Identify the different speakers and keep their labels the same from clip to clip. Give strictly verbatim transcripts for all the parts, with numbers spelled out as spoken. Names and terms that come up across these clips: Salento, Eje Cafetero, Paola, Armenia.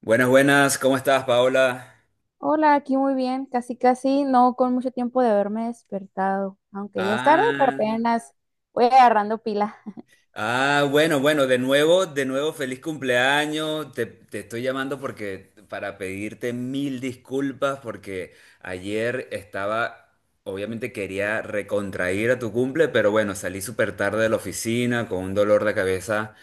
Speaker 1: Buenas, buenas, ¿cómo estás, Paola?
Speaker 2: Hola, aquí muy bien, casi casi, no con mucho tiempo de haberme despertado, aunque ya es tarde, pero
Speaker 1: Ah,
Speaker 2: apenas voy agarrando pila.
Speaker 1: ah, bueno, bueno, de nuevo, de nuevo, feliz cumpleaños. Te, te estoy llamando porque para pedirte mil disculpas porque ayer estaba, obviamente quería recontrair a tu cumple, pero bueno, salí súper tarde de la oficina con un dolor de cabeza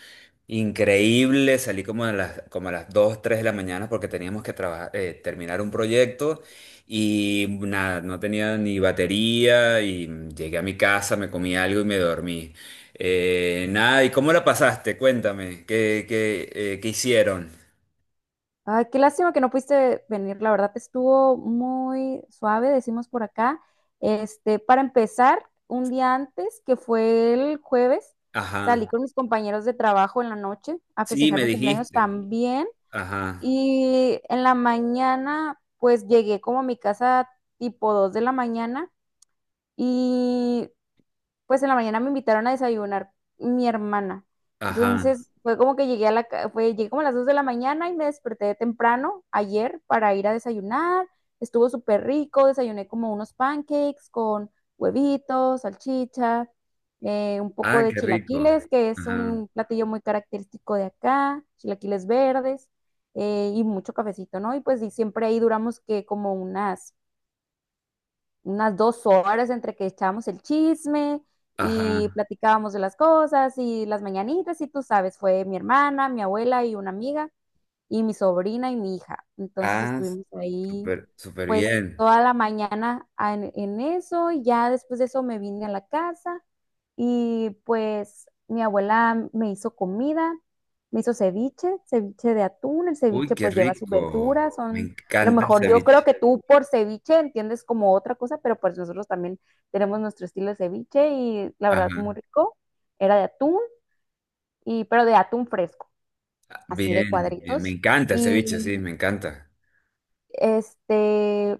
Speaker 1: increíble. Salí como a las, como a las dos tres de la mañana porque teníamos que trabajar, eh, terminar un proyecto, y nada, no tenía ni batería y llegué a mi casa, me comí algo y me dormí. Eh, nada, ¿y cómo la pasaste? Cuéntame, ¿qué, qué, eh, qué hicieron?
Speaker 2: Ay, qué lástima que no pudiste venir, la verdad estuvo muy suave, decimos por acá. Este, para empezar, un día antes, que fue el jueves, salí
Speaker 1: Ajá,
Speaker 2: con mis compañeros de trabajo en la noche a
Speaker 1: sí,
Speaker 2: festejar
Speaker 1: me
Speaker 2: mi cumpleaños
Speaker 1: dijiste.
Speaker 2: también.
Speaker 1: Ajá,
Speaker 2: Y en la mañana, pues llegué como a mi casa tipo dos de la mañana. Y pues en la mañana me invitaron a desayunar mi hermana.
Speaker 1: ajá.
Speaker 2: Entonces fue como que llegué a la, ca- fue, llegué como a las dos de la mañana y me desperté temprano ayer para ir a desayunar. Estuvo súper rico, desayuné como unos pancakes con huevitos, salchicha, eh, un poco
Speaker 1: Ah,
Speaker 2: de
Speaker 1: qué rico.
Speaker 2: chilaquiles, que es
Speaker 1: Ajá,
Speaker 2: un platillo muy característico de acá, chilaquiles verdes, eh, y mucho cafecito, ¿no? Y pues y siempre ahí duramos que como unas unas dos horas entre que echábamos el chisme y
Speaker 1: ajá.
Speaker 2: platicábamos de las cosas y las mañanitas y tú sabes, fue mi hermana, mi abuela y una amiga y mi sobrina y mi hija. Entonces
Speaker 1: Ah,
Speaker 2: estuvimos ahí
Speaker 1: súper, súper
Speaker 2: pues
Speaker 1: bien.
Speaker 2: toda la mañana en, en eso, y ya después de eso me vine a la casa y pues mi abuela me hizo comida, me hizo ceviche, ceviche de atún. El
Speaker 1: Uy,
Speaker 2: ceviche
Speaker 1: qué
Speaker 2: pues lleva su
Speaker 1: rico.
Speaker 2: verdura,
Speaker 1: Me
Speaker 2: son, a lo
Speaker 1: encanta el
Speaker 2: mejor yo creo
Speaker 1: ceviche.
Speaker 2: que tú por ceviche entiendes como otra cosa, pero pues nosotros también tenemos nuestro estilo de ceviche y la verdad muy
Speaker 1: Ajá.
Speaker 2: rico. Era de atún, y, pero de atún fresco, así
Speaker 1: Bien,
Speaker 2: de
Speaker 1: bien, me
Speaker 2: cuadritos.
Speaker 1: encanta el ceviche,
Speaker 2: Y
Speaker 1: sí, me encanta.
Speaker 2: este,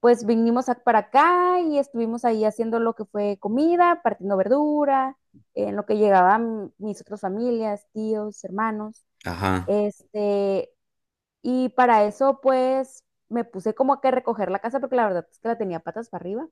Speaker 2: pues vinimos a- para acá y estuvimos ahí haciendo lo que fue comida, partiendo verdura, en lo que llegaban mis otras familias, tíos, hermanos.
Speaker 1: Ajá.
Speaker 2: Este, y para eso pues me puse como que a recoger la casa, porque la verdad es que la tenía patas para arriba,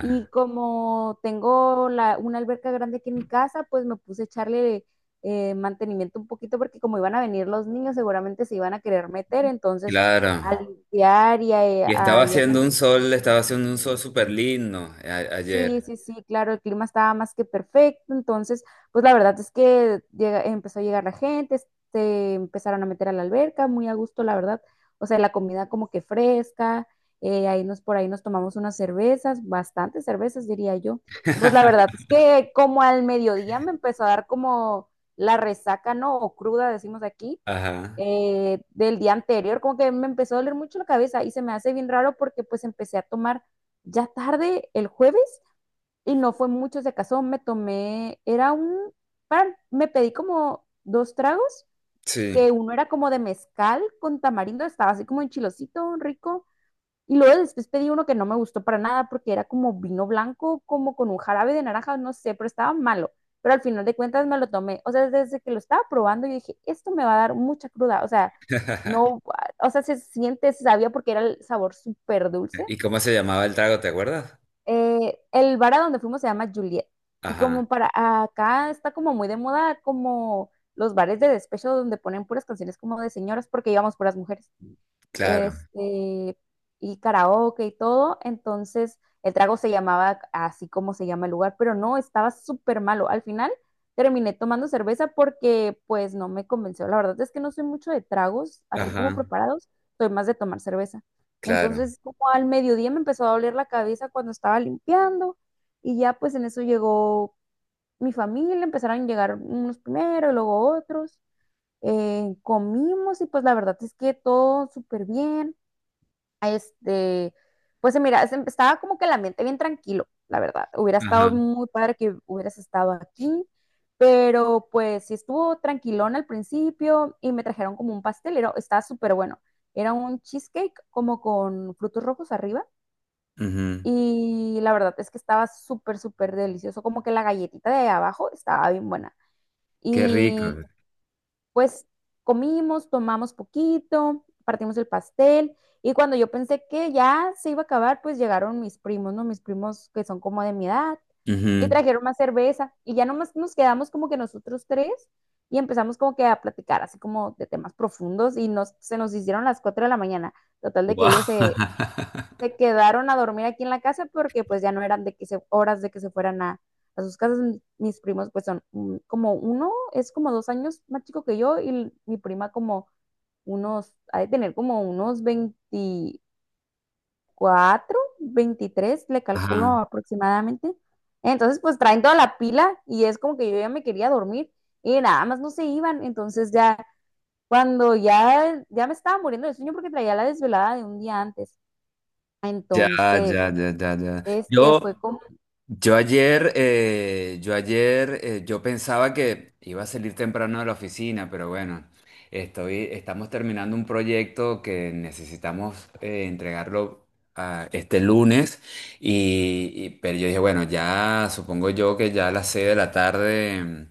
Speaker 2: y como tengo la, una alberca grande aquí en mi casa, pues me puse a echarle eh, mantenimiento un poquito, porque como iban a venir los niños seguramente se iban a querer meter, entonces
Speaker 1: Claro.
Speaker 2: a limpiar y
Speaker 1: Y
Speaker 2: a,
Speaker 1: estaba
Speaker 2: a, y a
Speaker 1: haciendo un sol, estaba haciendo un sol súper lindo eh, a-
Speaker 2: Sí,
Speaker 1: ayer.
Speaker 2: sí, sí, claro, el clima estaba más que perfecto. Entonces, pues la verdad es que llega- empezó a llegar la gente, se empezaron a meter a la alberca, muy a gusto, la verdad, o sea, la comida como que fresca. Eh, ahí nos, por ahí nos tomamos unas cervezas, bastantes cervezas, diría yo, y pues la verdad es que como al mediodía me empezó a dar como la resaca, ¿no? O cruda, decimos aquí,
Speaker 1: Ajá.
Speaker 2: eh, del día anterior. Como que me empezó a doler mucho la cabeza y se me hace bien raro porque pues empecé a tomar ya tarde el jueves y no fue mucho. Si acaso me tomé, era un, para- me pedí como dos tragos,
Speaker 1: Sí.
Speaker 2: que uno era como de mezcal con tamarindo, estaba así como enchilosito, rico, y luego después pedí uno que no me gustó para nada, porque era como vino blanco, como con un jarabe de naranja, no sé, pero estaba malo. Pero al final de cuentas me lo tomé, o sea, desde que lo estaba probando yo dije, esto me va a dar mucha cruda, o sea, no, o sea, se siente, se sabía porque era el sabor súper dulce
Speaker 1: ¿Y cómo se llamaba el trago, te acuerdas?
Speaker 2: eh, el bar a donde fuimos se llama Juliet. Y como
Speaker 1: Ajá.
Speaker 2: para acá está como muy de moda como los bares de despecho, donde ponen puras canciones como de señoras, porque íbamos puras mujeres
Speaker 1: Claro.
Speaker 2: este, y karaoke y todo. Entonces, el trago se llamaba así como se llama el lugar, pero no, estaba súper malo. Al final terminé tomando cerveza porque pues no me convenció. La verdad es que no soy mucho de tragos así como
Speaker 1: Ajá.
Speaker 2: preparados, soy más de tomar cerveza.
Speaker 1: Claro.
Speaker 2: Entonces, como al mediodía me empezó a doler la cabeza cuando estaba limpiando, y ya pues en eso llegó mi familia, empezaron a llegar unos primero y luego otros. Eh, comimos y pues la verdad es que todo súper bien este, pues se mira, es- estaba como que el ambiente bien tranquilo, la verdad. Hubiera estado
Speaker 1: Ajá.
Speaker 2: muy padre que hubieras estado aquí, pero pues sí estuvo tranquilón al principio y me trajeron como un pastelero, estaba súper bueno. Era un cheesecake como con frutos rojos arriba
Speaker 1: Ujú.
Speaker 2: y la verdad es que estaba súper, súper delicioso, como que la galletita de abajo estaba bien buena.
Speaker 1: Qué rico.
Speaker 2: Pues comimos, tomamos poquito, partimos el pastel, y cuando yo pensé que ya se iba a acabar, pues llegaron mis primos, ¿no? Mis primos que son como de mi edad, y
Speaker 1: Ujú.
Speaker 2: trajeron más cerveza, y ya nomás nos quedamos como que nosotros tres, y empezamos como que a platicar así como de temas profundos y nos, se nos hicieron las cuatro de la mañana. Total de que
Speaker 1: Guau.
Speaker 2: ellos se, se quedaron a dormir aquí en la casa, porque pues ya no eran de que se, horas de que se fueran a, a, sus casas. Mis primos pues son mm, como uno, es como dos años más chico que yo, y mi prima como unos, ha de tener como unos veinticuatro, veintitrés le calculo
Speaker 1: Ajá.
Speaker 2: aproximadamente. Entonces pues traen toda la pila y es como que yo ya me quería dormir y nada más no se iban. Entonces ya cuando ya, ya me estaba muriendo de sueño, porque traía la desvelada de un día antes.
Speaker 1: Ya,
Speaker 2: Entonces
Speaker 1: ya, ya, ya, ya.
Speaker 2: este fue
Speaker 1: Yo,
Speaker 2: como,
Speaker 1: Yo ayer, eh, yo ayer, eh, yo pensaba que iba a salir temprano de la oficina, pero bueno, estoy, estamos terminando un proyecto que necesitamos eh, entregarlo ah, este lunes, y, y- pero yo dije, bueno, ya supongo yo que ya a las seis de la tarde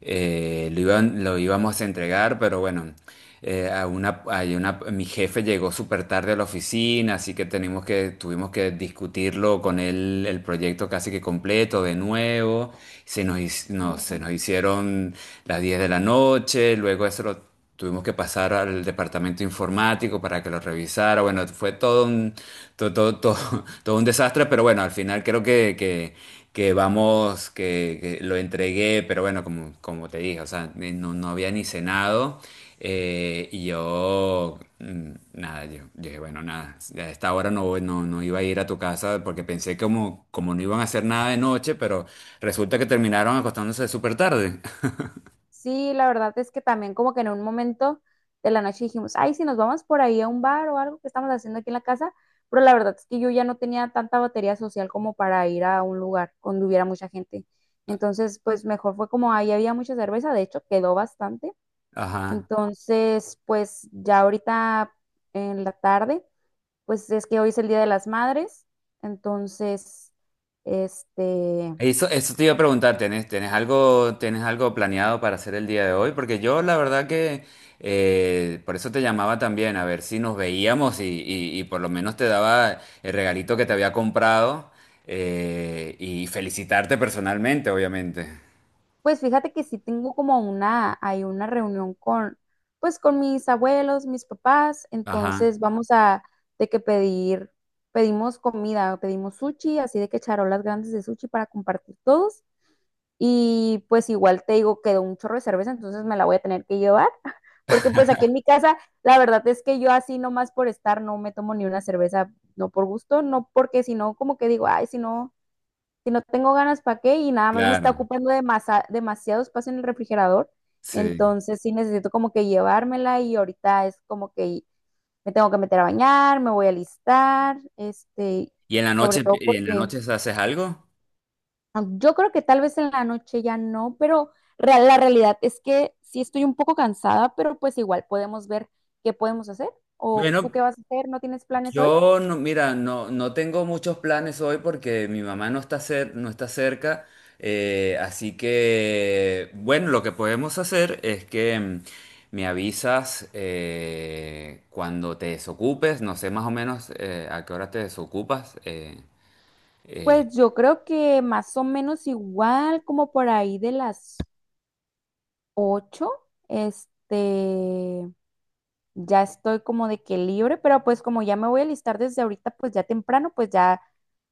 Speaker 1: eh, lo iban- lo íbamos a entregar, pero bueno. Eh, a una, hay una, mi jefe llegó súper tarde a la oficina, así que tenemos que, tuvimos que discutirlo con él, el proyecto casi que completo de nuevo. Se nos, hic- no, se nos hicieron las diez de la noche, luego eso lo tuvimos que pasar al departamento informático para que lo revisara. Bueno, fue todo un, todo, todo, todo- todo un desastre, pero bueno, al final creo que, que, que vamos, que, que lo entregué, pero bueno, como, como te dije, o sea, eh, no, no había ni cenado. Eh, y yo, mm, nada, yo yo dije, bueno, nada, a esta hora no, voy- no, no iba a ir a tu casa porque pensé como, como no iban a hacer nada de noche, pero resulta que terminaron acostándose súper tarde.
Speaker 2: sí, la verdad es que también como que en un momento de la noche dijimos, ay, si nos vamos por ahí a un bar o algo, que estamos haciendo aquí en la casa, pero la verdad es que yo ya no tenía tanta batería social como para ir a un lugar donde hubiera mucha gente. Entonces, pues mejor fue como ahí, había mucha cerveza, de hecho quedó bastante.
Speaker 1: Ajá.
Speaker 2: Entonces, pues ya ahorita en la tarde, pues es que hoy es el Día de las Madres, entonces, este...
Speaker 1: Eso, eso te iba a preguntar. ¿tienes, tienes algo, tienes algo planeado para hacer el día de hoy? Porque yo la verdad que eh, por eso te llamaba también, a ver si nos veíamos y, y- y por lo menos te daba el regalito que te había comprado eh, y felicitarte personalmente, obviamente.
Speaker 2: Pues fíjate que sí tengo como una, hay una reunión con, pues con mis abuelos, mis papás,
Speaker 1: Ajá,
Speaker 2: entonces vamos a, de que pedir, pedimos comida, pedimos sushi, así de que charolas grandes de sushi para compartir todos. Y pues igual te digo, quedó un chorro de cerveza, entonces me la voy a tener que llevar, porque pues aquí en mi casa, la verdad es que yo así nomás por estar no me tomo ni una cerveza, no por gusto, no, porque si no, como que digo, ay, si no si no tengo ganas, ¿para qué? Y nada más me está
Speaker 1: claro,
Speaker 2: ocupando demasa- demasiado espacio en el refrigerador.
Speaker 1: sí.
Speaker 2: Entonces sí necesito como que llevármela, y ahorita es como que me tengo que meter a bañar, me voy a alistar, este,
Speaker 1: ¿Y en la
Speaker 2: sobre
Speaker 1: noche,
Speaker 2: todo
Speaker 1: y en la
Speaker 2: porque
Speaker 1: noche haces algo?
Speaker 2: ah, yo creo que tal vez en la noche ya no, pero real- la realidad es que sí estoy un poco cansada, pero pues igual podemos ver qué podemos hacer. ¿O tú
Speaker 1: Bueno,
Speaker 2: qué vas a hacer? ¿No tienes planes hoy?
Speaker 1: yo no, mira, no, no tengo muchos planes hoy porque mi mamá no está cer- no está cerca. Eh, así que, bueno, lo que podemos hacer es que mm, me avisas eh, cuando te desocupes, no sé más o menos eh, a qué hora te desocupas. eh, eh,
Speaker 2: Pues yo creo que más o menos igual como por ahí de las ocho, este, ya estoy como de que libre, pero pues como ya me voy a listar desde ahorita, pues ya temprano, pues ya,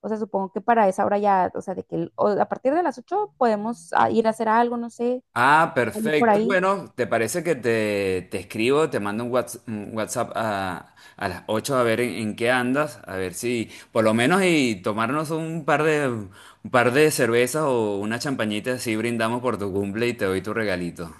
Speaker 2: o sea, supongo que para esa hora ya, o sea, de que el- o a partir de las ocho podemos ah, ir a hacer algo, no sé,
Speaker 1: Ah,
Speaker 2: salir por
Speaker 1: perfecto.
Speaker 2: ahí.
Speaker 1: Bueno, ¿te parece que te, te escribo, te mando un whats- un WhatsApp a, a las ocho a ver en, en qué andas? A ver si, por lo menos, y tomarnos un par de, un par de cervezas o una champañita, así brindamos por tu cumple y te doy tu regalito.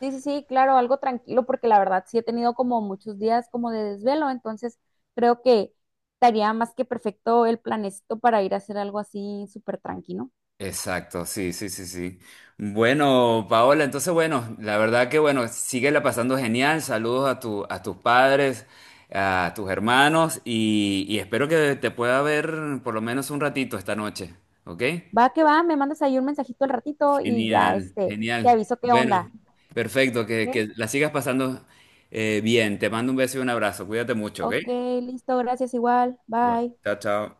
Speaker 2: Sí, sí, sí, claro, algo tranquilo, porque la verdad sí he tenido como muchos días como de desvelo, entonces creo que estaría más que perfecto el planecito para ir a hacer algo así súper tranquilo.
Speaker 1: Exacto, sí, sí, sí, sí. Bueno, Paola, entonces bueno, la verdad que bueno, síguela pasando genial. Saludos a tu, a tus padres, a tus hermanos y, y espero que te pueda ver por lo menos un ratito esta noche, ¿ok?
Speaker 2: Va que va, me mandas ahí un mensajito al ratito y ya,
Speaker 1: Genial,
Speaker 2: este, te
Speaker 1: genial.
Speaker 2: aviso qué
Speaker 1: Bueno,
Speaker 2: onda.
Speaker 1: perfecto, que, que
Speaker 2: ¿Ok?
Speaker 1: la sigas pasando eh, bien. Te mando un beso y un abrazo. Cuídate mucho, ¿ok?
Speaker 2: Ok, listo, gracias igual.
Speaker 1: Bueno,
Speaker 2: Bye.
Speaker 1: chao, chao.